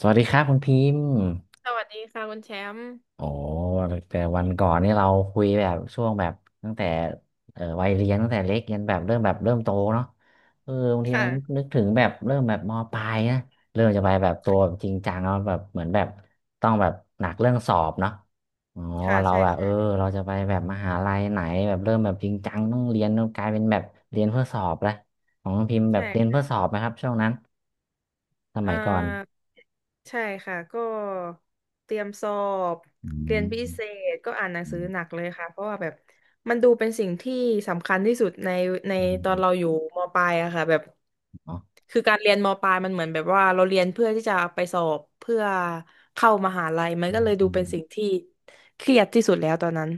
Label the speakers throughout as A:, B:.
A: สวัสดีครับคุณพิมพ์
B: สวัสดีค่ะคุณแชมป์
A: โอ้แต่วันก่อนนี่เราคุยแบบช่วงแบบตั้งแต่วัยเรียนตั้งแต่เล็กยันแบบเริ่มแบบเริ่มโตเนาะเออบางทีมัน
B: ค่ะ
A: นึกถึงแบบเริ่มแบบมปลายนะเริ่มจะไปแบบตัวจริงจังแล้วแบบเหมือนแบบต้องแบบหนักเรื่องสอบเนาะอ๋อ
B: ค่ะ
A: ว่าเรา
B: ใช่
A: แบบเออ
B: ใช่
A: เราจะไปแบบมหาลัยไหนแบบเริ่มแบบจริงจังต้องเรียนต้องกลายเป็นแบบเรียนเพื่อสอบละของคุณพิมพ์แบบเรียน
B: ใช่
A: เพื่อสอบไหมครับช่วงนั้นส
B: เอ่
A: มัยก่อน
B: อใช่ค่ะก็เตรียมสอบ
A: อื
B: เรียน
A: ม
B: พิเศษก็อ่านหนัง
A: อื
B: สือ
A: ม
B: หนักเลยค่ะเพราะว่าแบบมันดูเป็นสิ่งที่สำคัญที่สุดใน
A: อ
B: ตอ
A: ื
B: นเราอยู่มปลายอะค่ะแบบ
A: ม
B: คือการเรียนมปลายมันเหมือนแบบว่าเราเรียนเพื่อที่จะไปสอบเพื่อเข้ามหาลัยมัน
A: อื
B: ก็
A: ม
B: เลยดู
A: อืม
B: เป็นสิ่งที่เครียดที่สุดแล้วตอนนั้น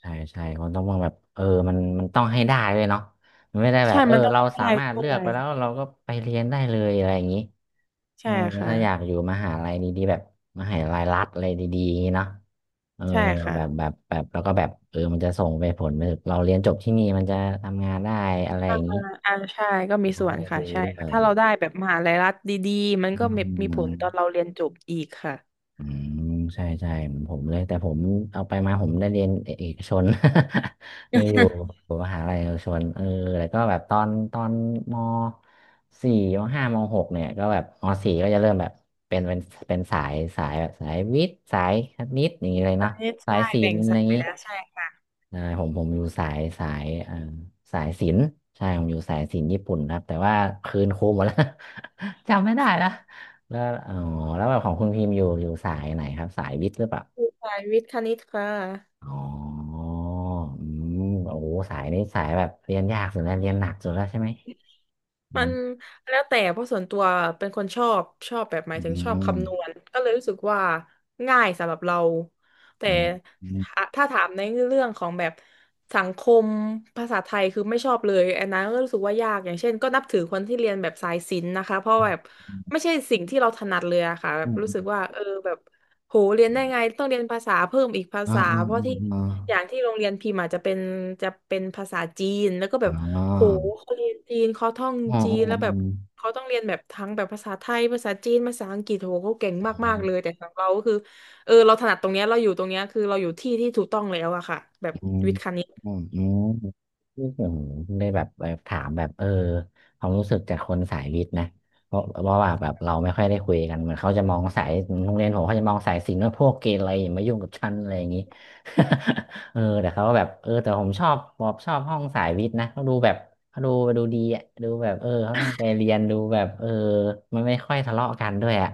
A: ใช่ใช่มันต้องว่าแบบเออมันต้องให้ได้เลยเนาะมันไม่ได้แบ
B: ใช่
A: บเออ
B: มันต้อง
A: เราสา
B: ได้
A: มารถ
B: ด้
A: เลื
B: ว
A: อกไป
B: ย
A: แล้วเราก็ไปเรียนได้เลยอะไรอย่างนี้เอ
B: ใช่
A: อ
B: ค่ะ
A: ถ้าอยากอยู่มหาลัยดีๆแบบมหาลัยรัฐอะไรดีๆอย่างงี้เนาะเออ
B: ใช่ค่ะ
A: แบบแบบแบบแล้วก็แบบเออมันจะส่งไปผลไปถึงเราเรียนจบที่นี่มันจะทำงานได้อะไรอ
B: อ่า
A: ย่างนี้
B: อ่าใช่ก็มี
A: เขา
B: ส่ว
A: ก็
B: น
A: จะ
B: ค่ะ
A: ดู
B: ใช่
A: ด้วย
B: ค่ะถ้าเราได้แบบมหาลัยรัฐดีๆมัน
A: อื
B: ก็มีผ
A: ม
B: ลตอนเราเรียนจบอีกค่ะ
A: อืมใช่ใช่ผมเลยแต่ผมเอาไปมาผมได้เรียนเอกชน ไม่อยู่ ผมมหาลัยเอกชนเออแล้วก็แบบตอนมสี่มห้ามหกเนี่ยก็แบบมสี่ก็จะเริ่มแบบเป็นเป็นเป็นสายแบบสายวิทย์สายคณิตอย่างนี้เลย
B: ค
A: เนาะ
B: ณิต
A: สาย
B: ใช่
A: ศิ
B: แบ่
A: ล
B: ง
A: ป์อะไร
B: สา
A: อย่าง
B: ย
A: นี้
B: แล้วใช่ค่ะ
A: ใช่ผมอยู่สายสายศิลป์ใช่ผมอยู่สายศิลป์ญี่ปุ่นครับแต่ว่าคืนครูหมดแล้ว จำไม่ได้ละแล้วอ๋อแล้วแบบของคุณพิมพ์อยู่สายไหนครับสายวิทย์หรือเปล่า
B: คือสายวิทย์คณิตค่ะ
A: อ๋ออืมโอ้โหสายนี้สายแบบเรียนยากสุดแล้วเรียนหนักสุดแล้วใช่ไหมอื
B: มัน
A: ม
B: แล้วแต่เพราะส่วนตัวเป็นคนชอบชอบแบบหมา
A: อื
B: ยถึงชอบ
A: ม
B: คำนวณก็เลยรู้สึกว่าง่ายสำหรับเราแต่
A: อืมอืม
B: ถ้าถ้าถามในเรื่องของแบบสังคมภาษาไทยคือไม่ชอบเลยอันนั้นก็รู้สึกว่ายากอย่างเช่นก็นับถือคนที่เรียนแบบสายศิลป์นะคะเพราะแบบไม่ใช่สิ่งที่เราถนัดเลยอะค่ะแบ
A: อื
B: บ
A: ม
B: รู้
A: อื
B: สึก
A: ม
B: ว่าแบบ โหเรียนได้ไงต้องเรียนภาษาเพิ่มอีกภา
A: อืม
B: ษา
A: อืม
B: เพ
A: อื
B: ราะ
A: ม
B: ที่
A: อืม
B: อย่างที่โรงเรียนพิมพ์อาจจะเป็นจะเป็นภาษาจีนแล้วก็แบ
A: อ๋อ
B: บ
A: อ๋อ
B: โหเขาเรียนจีนเขาท่อง
A: อ๋อ
B: จีนแล้วแบบเขาต้องเรียนแบบทั้งแบบภาษาไทยภาษาจีนภาษาอังกฤษโหเขาเก่ง
A: อ๋อ
B: มากๆเลยแต่ของเราก็คือเราถนัดตรงเนี้ยเราอยู่ตรงเนี้ยคือเราอยู่ที่ที่ถูกต้องแล้วอะค่ะแบบ
A: อืม
B: วิทย์คณิต
A: อืมอืมที่ผมได้แบบถามแบบเออความรู้สึกจากคนสายวิทย์นะเพราะว่าแบบเราไม่ค่อยได้คุยกันเหมือนเขาจะมองสายโรงเรียนผมเขาจะมองสายศิลป์ว่าพวกเกเรอย่ามายุ่งกับฉันอะไรอย่างนี้ เออแต่เขาก็แบบเออแต่ผมชอบผมชอบห้องสายวิทย์นะเขาดูแบบเขาดูดีอ่ะดูแบบเออเขาตั้งใจเรียนดูแบบเออมันไม่ค่อยทะเลาะกันด้วยอ่ะ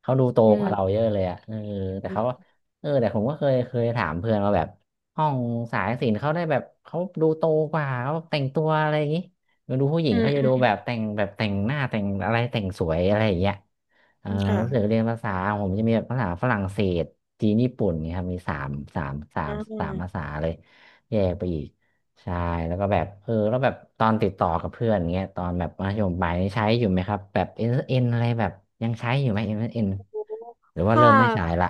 A: เขาดูโต
B: อื
A: กว่าเรา
B: ม
A: เยอะเลยอ่ะเออแต่เขาเออแต่ผมก็เคยถามเพื่อนว่าแบบ ห้องสายศิลป์เขาได้แบบเขาดูโตกว่าเขาแต่งตัวอะไรอย่างนี้มาดูผู้หญิง
B: อืม
A: เขาจะ
B: อื
A: ดู
B: ม
A: แบบแต่งแบบแต่งหน้าแต่งอะไรแต่งสวยอะไรอย่างเงี้ยเออ
B: ค่ะ
A: รู้สึกเรียนภาษาผมจะมีแบบภาษาฝรั่งเศสจีนญี่ปุ่นเนี่ยครับมีสามสา
B: อ่
A: มสามภาษา
B: า
A: เลยแยกไปอีกใช่แล้วก็แบบเออแล้วแบบตอนติดต่อกับเพื่อนเงี้ยตอนแบบมัธยมปลายนี่ใช้อยู่ไหมครับแบบเอ็นเอ็นอะไรแบบยังใช้อยู่ไหมเอ็นเอ็นหรือว่า
B: ถ้า
A: เริ่มไม่ใช้ละ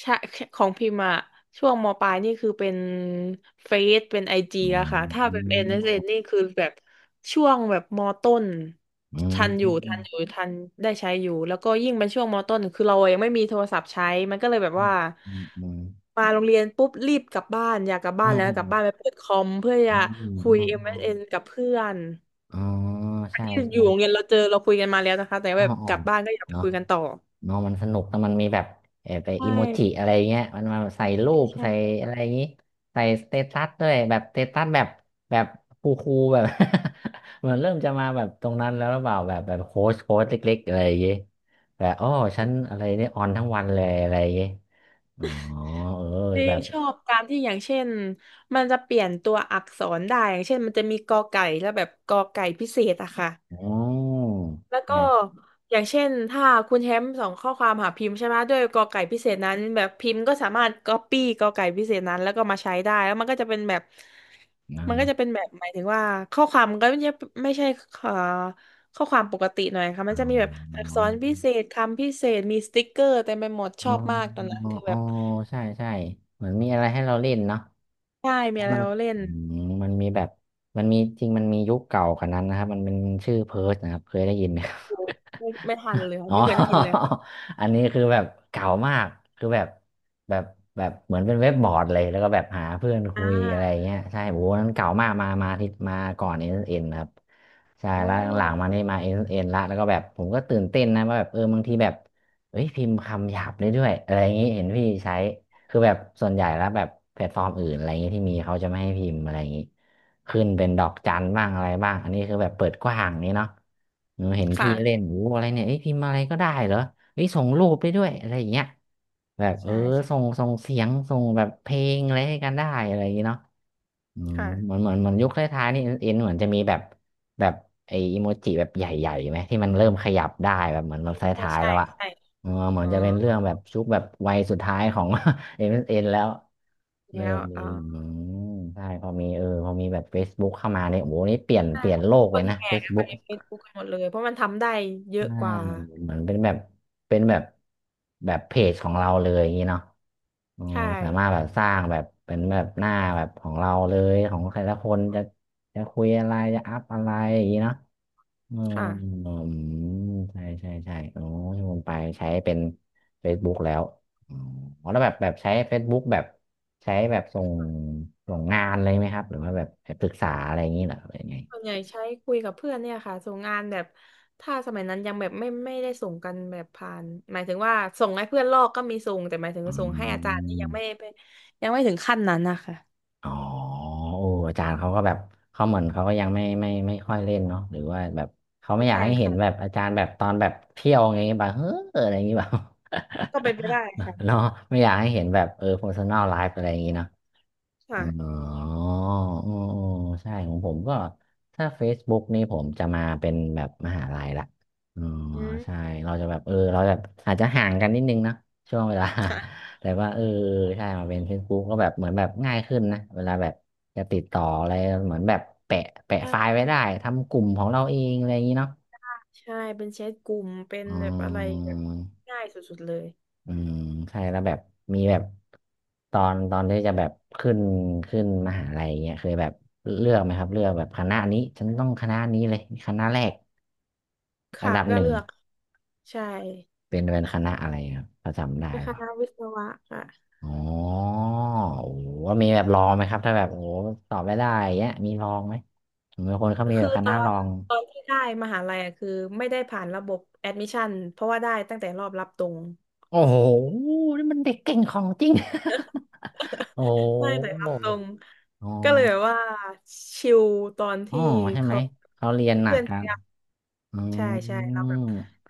B: ใช่ของพิมพ์อะช่วงมปลายนี่คือเป็นเฟซเป็นไอจี
A: อื
B: แล้วค่ะถ้าเป็น n s ็
A: ม
B: นเอสเอ็นนี่คือแบบช่วงแบบมต้น
A: อื
B: ทั
A: ม
B: นอยู่ทันอยู่ทันได้ใช้อยู่แล้วก็ยิ่งเป็นช่วงมต้นคือเรายังไม่มีโทรศัพท์ใช้มันก็เลยแบบ
A: อื
B: ว่า
A: มอืมอื
B: มาโรงเรียนปุ๊บรีบกลับบ้านอยากกลับบ้า
A: ม
B: นแล้ว
A: อื
B: ก
A: ม
B: ลับบ้านไปเปิดคอมเพื่อ
A: อื
B: จะ
A: มอืม
B: คุ
A: อื
B: ย
A: ม
B: เอ
A: อื
B: s น
A: ม
B: กับเพื่อน
A: อ๋อใช่
B: ที่อยู่โรงเรี
A: ใช่
B: ยนเราเจอเราคุยกันมาแล้วนะคะแต่
A: อ๋อ
B: แบบ
A: อ๋อ
B: กลับบ้านก็อยากไป
A: เนาะ
B: คุยกันต่อ
A: เนาะมันสนุกแต่มันมีแบบเออไป
B: ใช่
A: อิโมจิอะไรเงี้ยมันมาใส่รู
B: ใช่
A: ป
B: ใช่
A: ใส่อะไรอย่างงี้ใส่สเตตัสด้วยแบบสเตตัสแบบแบบคูลๆแบบ เหมือนเริ่มจะมาแบบตรงนั้นแล้วหรือเปล่าแบบแบบโค้ชเล็กๆอะไรอย่างงี้แบบอ๋อฉันอะไรเนี่ยออนทั้งวันเลยอะไรอย่างงี้อ๋อเออ
B: ที่
A: แบบ
B: ชอบการที่อย่างเช่นมันจะเปลี่ยนตัวอักษรได้อย่างเช่นมันจะมีกอไก่แล้วแบบกอไก่พิเศษอะค่ะ
A: อ๋อ
B: แล้วก็
A: ไง
B: อย่างเช่นถ้าคุณแชมป์ส่งข้อความหาพิมพ์ใช่ไหมด้วยกอไก่พิเศษนั้นแบบพิมพ์ก็สามารถก๊อปปี้กอไก่พิเศษนั้นแล้วก็มาใช้ได้แล้วมันก็จะเป็นแบบ
A: นะ
B: มันก็
A: เนาะ
B: จะเป็นแบบหมายถึงว่าข้อความก็ไม่ใช่เอ่อข้อความปกติหน่อยค่ะมั
A: อ๋
B: นจะมีแบบอัก
A: อ
B: ษรพิเศษคำพิเศษมีสติ๊กเกอร์เต็มไปหมดช
A: อ๋อ
B: อบมากตอนนั้นคือ
A: อ๋
B: แบ
A: อ
B: บ
A: ใช่ใช่เหมือนมีอะไรให้เราเล่นเนาะ
B: ใช่มี
A: แล้ว
B: อะไร
A: มัน
B: เราเล่น
A: อืมมันมีแบบมันมีจริงมันมียุคเก่ากว่านั้นนะครับมันเป็นชื่อเพิร์ทนะครับเคยได้ยินไหมครับ
B: ไม่ทันเลย ค่ะ
A: อ๋อ
B: ไม่เคยได้ยินเลย
A: อันนี้คือแบบเก่ามากคือแบบแบบเหมือนเป็นเว็บบอร์ดเลยแล้วก็แบบหาเพื่อน
B: อ่
A: คุยอะไร
B: า
A: เงี้ยใช่โอ้โหนั้นเก่ามากมาที่มาก่อนเอ็นเอ็นครับใช่
B: อ๋อ
A: แล้วหลังๆมานี่มาเอ็นเอ็นละแล้วก็แบบผมก็ตื่นเต้นนะว่าแบบเออบางทีแบบเอ้ยพิมพ์คำหยาบได้ด้วยอะไรอย่างนี้เห็นพี่ใช้ คือแบบส่วนใหญ่แล้วแบบแพลตฟอร์มอื่นอะไรเงี้ยที่มีเขาจะไม่ให้พิมพ์อะไรอย่างงี้ขึ้นเป็นดอกจันบ้างอะไรบ้างอันนี้คือแบบเปิดกว้างนี่เนาะหนูเห็นพี่
B: ค่ะ
A: เล่นโอ้อะไรเนี่ยเอ้ยพิมพ์อะไรก็ได้เหรอเอ้ยส่งรูปได้ด้วยอะไรอย่างเงี้ยแบบเออ
B: ใช่ใช่
A: ส่งเสียงส่งแบบเพลงอะไรให้กันได้อะไรอย่างงี้เนาะ อืมเหมือ
B: ค่ะ
A: นเหมือนเหมืนยุคท้ายๆนี่เอ็นเหมือนจะมีแบบแบบไออีโมจิแบบใหญ่ๆไหมที่มันเริ่มขยับได้แบบเหมือนแบบท
B: ใช่
A: ้ายๆ
B: ใช่
A: แล้วอะ
B: ใช่
A: เออเหมือ
B: อ๋
A: น
B: อ
A: จะเป็นเรื่องแบบชุกแบบวัยสุดท้ายของ เอ็นแล้วเริ่
B: แล้ว
A: มมี
B: อ่า
A: อืมใช่พอมีพอมีแบบ Facebook เข้ามาเนี่ยโอ้โหนี่เปลี่ยน
B: ใช่
A: เปลี่ยนโลก
B: ค
A: เลย
B: น
A: นะ
B: แห่กันไป
A: Facebook
B: เฟซบุ๊กกันหมดเลยเพราะมันทำได้เยอะ
A: อ่า
B: กว่า
A: เหมือนเป็นแบบเป็นแบบแบบเพจของเราเลยอย่างนี้เนาะอ๋อ
B: ใช่
A: สามารถแบบสร้างแบบเป็นแบบหน้าแบบของเราเลยของใครละคนจะคุยอะไรจะอัพอะไรอย่างนี้เนาะอืม
B: ค่ะ
A: อืมใช่ใช่ใช่โอ้ที่ผมไปใช้เป็น Facebook แล้วอ๋อแล้วแบบใช้ Facebook แบบใช้แบบส่งงานเลยไหมครับหรือว่าแบบไปปรึกษาอะไรอย่างนี้เหรอหรือยังไง
B: ส่วนใหญ่ใช้คุยกับเพื่อนเนี่ยค่ะส่งงานแบบถ้าสมัยนั้นยังแบบไม่ได้ส่งกันแบบผ่านหมายถึงว่าส่งให้เพื่อนลอกก็มีส่งแต่หมายถึง
A: อื
B: ส่งให้อาจารย์นี่
A: ม
B: ยังไม่ไปยังไม่ถึงขั้นนั้นนะคะ
A: อ๋อโอ้อาจารย์เขาก็แบบเขาเหมือนเขาก็ยังไม่ค่อยเล่นเนาะหรือว่าแบบเขาไม่อยาก
B: ใช่
A: ให้เห็น
B: ค่ะ
A: แบบอาจารย์แบบตอนแบบเที่ยวไงแบบเฮ้ออะไรอย่างงี้แบบ
B: ก็เป็นไปได้ค่ะ
A: เนาะไม่อยากให้เห็นแบบpersonal life อะไรอย่างงี้เนาะ อ๋ออ๋
B: ค่ะ
A: ออ๋อใช่ของผมก็ถ้า Facebook นี่ผมจะมาเป็นแบบมหาลัยละอ๋อ
B: อืม
A: ใช่เราจะแบบเราแบบอาจจะห่างกันนิดนึงเนอะช่วงเวลา
B: ค่ะ
A: แต่ว่าใช่มาเป็น Facebook ก็แบบเหมือนแบบง่ายขึ้นนะเวลาแบบจะติดต่ออะไรเหมือนแบบแปะ
B: ใช่
A: ไฟล์ไว้ได้ทำกลุ่มของเราเองอะไรอย่างนี้เนาะ
B: ใช่เป็นแชทกลุ่มเป็น
A: อ๋
B: แบบอะไร
A: อ
B: แบบง่ายสุดๆเลย
A: อืมใช่แล้วแบบมีแบบตอนที่จะแบบขึ้นขึ้นมหาลัยเนี่ยเคยแบบเลือกไหมครับเลือกแบบคณะนี้ฉันต้องคณะนี้เลยคณะแรกอัน
B: ค่ะ
A: ดับ
B: ก็
A: หนึ่ง
B: เลือกใช่
A: เป็นคณะอะไรครับพอจำได้หรื
B: ค
A: อเปล่า
B: ณะวิศวะค่ะ
A: อ๋อโอ้โหว่ามีแบบลองไหมครับถ้าแบบโอ้โหตอบไม่ได้อย่างเงี้ยมีลองไหมผมเป็นคนเขามีแบ
B: คือ
A: บค
B: ต
A: ณะ
B: อ
A: ล
B: น
A: อง
B: ตอนที่ได้มหาลัยอะคือไม่ได้ผ่านระบบแอดมิชชั่นเพราะว่าได้ตั้งแต่รอบรับตรง
A: โอ้โหนี่มันเด็กเก่งของจริง โอ้
B: ได้ตแต่รั
A: โห
B: บตรง
A: อ๋อ
B: ก็เลยแบบว่าชิลตอน
A: อ๋อ
B: ที่
A: ใช่ไหม
B: เขา
A: เขาเรียนหนั
B: เพื่
A: ก
B: อน
A: ค
B: พ
A: รับ
B: ยายาม
A: อ๋อ
B: ใช่ใช่เราแบบ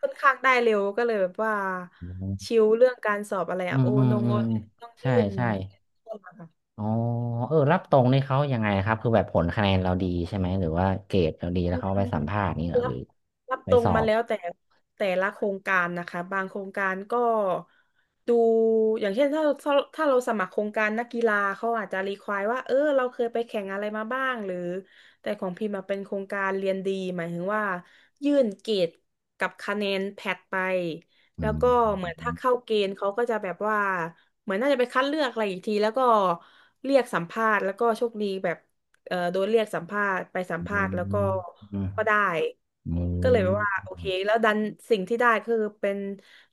B: ค่อนข้างได้เร็วก็เลยแบบว่า
A: อ
B: ชิลเรื่องการสอบอะไร
A: ื
B: อะโอ
A: มอืม
B: นง
A: อื
B: โอ
A: ม
B: นต้อง
A: ใช่
B: ยื่น
A: ใช่อ๋อเออ รับตรงนี่เขายังไงครับคือแบบผลคะแนนเราดีใช่ไหมหรือว่าเกรดเราดีแล้
B: อื
A: วเขาไป
B: ม
A: สัมภาษณ์นี่เหรอห
B: รับ
A: รือ
B: รับ
A: ไป
B: ตร
A: ส
B: ง
A: อ
B: มา
A: บ
B: แล้วแต่แต่ละโครงการนะคะบางโครงการก็ดูอย่างเช่นถ้าเราสมัครโครงการนักกีฬาเขาอาจจะรีควายว่าเออเราเคยไปแข่งอะไรมาบ้างหรือแต่ของพิมพ์มาเป็นโครงการเรียนดีหมายถึงว่ายื่นเกรดกับคะแนนแพทไปแล้ว
A: อื
B: ก็เหมือน
A: ม
B: ถ้าเข้าเกณฑ์เขาก็จะแบบว่าเหมือนน่าจะไปคัดเลือกอะไรอีกทีแล้วก็เรียกสัมภาษณ์แล้วก็โชคดีแบบ โดนเรียกสัมภาษณ์ไปสัม
A: อื
B: ภาษ
A: ม
B: ณ์แล้วก็
A: อืม
B: ก็ได้
A: อื
B: ก็เลยแบบว่า
A: ม
B: โอเคแล้วดันสิ่งที่ได้คือเป็น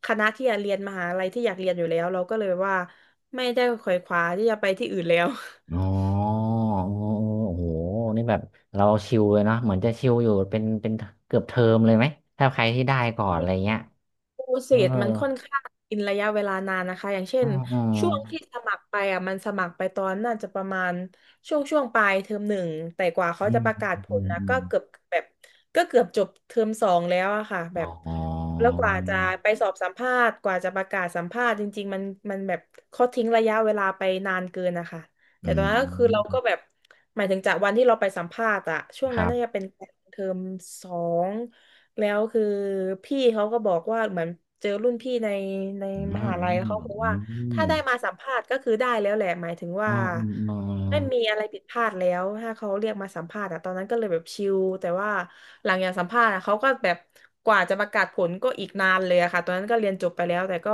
B: คณะที่อยากเรียนมหาลัยที่อยากเรียนอยู่แล้วเราก็เลยแบบว่าไม่ได้ขวนขวายที่จะไปที่อื่นแล้ว
A: อ๋อโอ้โหนี่แบบเราชิลเลยเนาะเหมือนจะชิลอยู่เป็นเกือบเทอมเลยไหมถ้าใครที่ได้ก่อนอะไรเงี้ย
B: โปรเซ
A: เออ
B: สมันค่อนข้างกินระยะเวลานานนะคะอย่างเช่
A: อื
B: น
A: มอืม
B: ช่วงที่สมัครไปอ่ะมันสมัครไปตอนน่าจะประมาณช่วงปลายเทอมหนึ่งแต่กว่าเขา
A: อื
B: จะ
A: ม
B: ประกาศผ
A: อื
B: ลนะก็เกือ
A: ม
B: บแบบก็เกือบจบเทอมสองแล้วอะค่ะแบ
A: อ๋
B: บ
A: อ
B: แล้วกว่าจะไปสอบสัมภาษณ์กว่าจะประกาศสัมภาษณ์จริงๆมันมันแบบเขาทิ้งระยะเวลาไปนานเกินนะคะ
A: อื
B: แต่ตอนนั้นก็คือเราก็
A: ม
B: แบบหมายถึงจากวันที่เราไปสัมภาษณ์อะช่วง
A: ค
B: นั้
A: รั
B: นน่าจะ
A: บ
B: เป็นเทอมสอง แล้วคือพี่เขาก็บอกว่าเหมือนเจอรุ่นพี่ใน
A: อืม
B: มหาลัยเขาบอกว่า
A: อืม
B: ถ้าได้มาสัมภาษณ์ก็คือได้แล้วแหละหมายถึง
A: อ๋อ
B: ว่าไม่มีอะไรผิดพลาดแล้วถ้าเขาเรียกมาสัมภาษณ์อะตอนนั้นก็เลยแบบชิลแต่ว่าหลังจากสัมภาษณ์อะเขาก็แบบกว่าจะประกาศผลก็อีกนานเลยอะค่ะตอนนั้นก็เรียนจบไปแล้วแต่ก็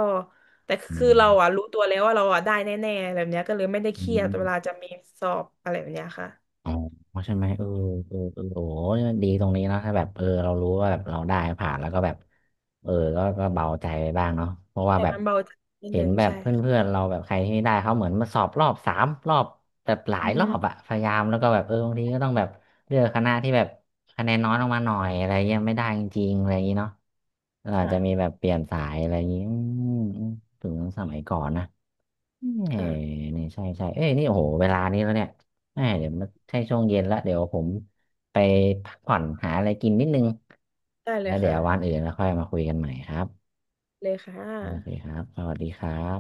B: แต่
A: อื
B: คือ
A: ม
B: เราอะรู้ตัวแล้วว่าเราอะได้แน่ๆแบบเนี้ยก็เลยไม่ได้
A: อื
B: เครียดเวลา
A: ม
B: จะมีสอบอะไรแบบเนี้ยค่ะ
A: อ๋อใช่ไหมเออโอ้ยดีตรงนี้เนอะถ้าแบบเรารู้ว่าแบบเราได้ผ่านแล้วก็แบบเออก็เบาใจไปบ้างเนาะเพราะว่า
B: ใช่
A: แบบ
B: มันเบาใจนิด
A: เห็
B: นึ
A: น
B: ง
A: แบบ
B: ใช่
A: เพื่อน
B: ค่ะ
A: ๆเราแบบใครที่ได้เขาเหมือนมาสอบรอบสามรอบแบบหลา
B: อื
A: ยรอบ
B: ม
A: อะพยายามแล้วก็แบบบางทีก็ต้องแบบเลือกคณะที่แบบคะแนนน้อยลงมาหน่อยอะไรเงี้ยไม่ได้จริงๆอะไรอย่างงี้เนาะเราอาจจะมี
B: ค่ะ
A: แบบเปลี่ยนสายอะไรอย่างงี้อืมถึงสมัยก่อนนะ เอ้
B: ค่ะ
A: นี่ใช่ใช่เอ้ยนี่โอ้โหเวลานี้แล้วเนี่ยแอมเดี๋ยวมันใช่ช่วงเย็นละเดี๋ยวผมไปพักผ่อนหาอะไรกินนิดนึง
B: ได้เล
A: แล้
B: ย
A: วเดี๋ยววัน
B: ค่ะ
A: อื่นแล้วค่อยมาคุยกันใหม่ครับ
B: เลยค่ะ
A: โอเคครับสวัสดีครับ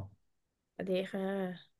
B: สวัสดีค่ะ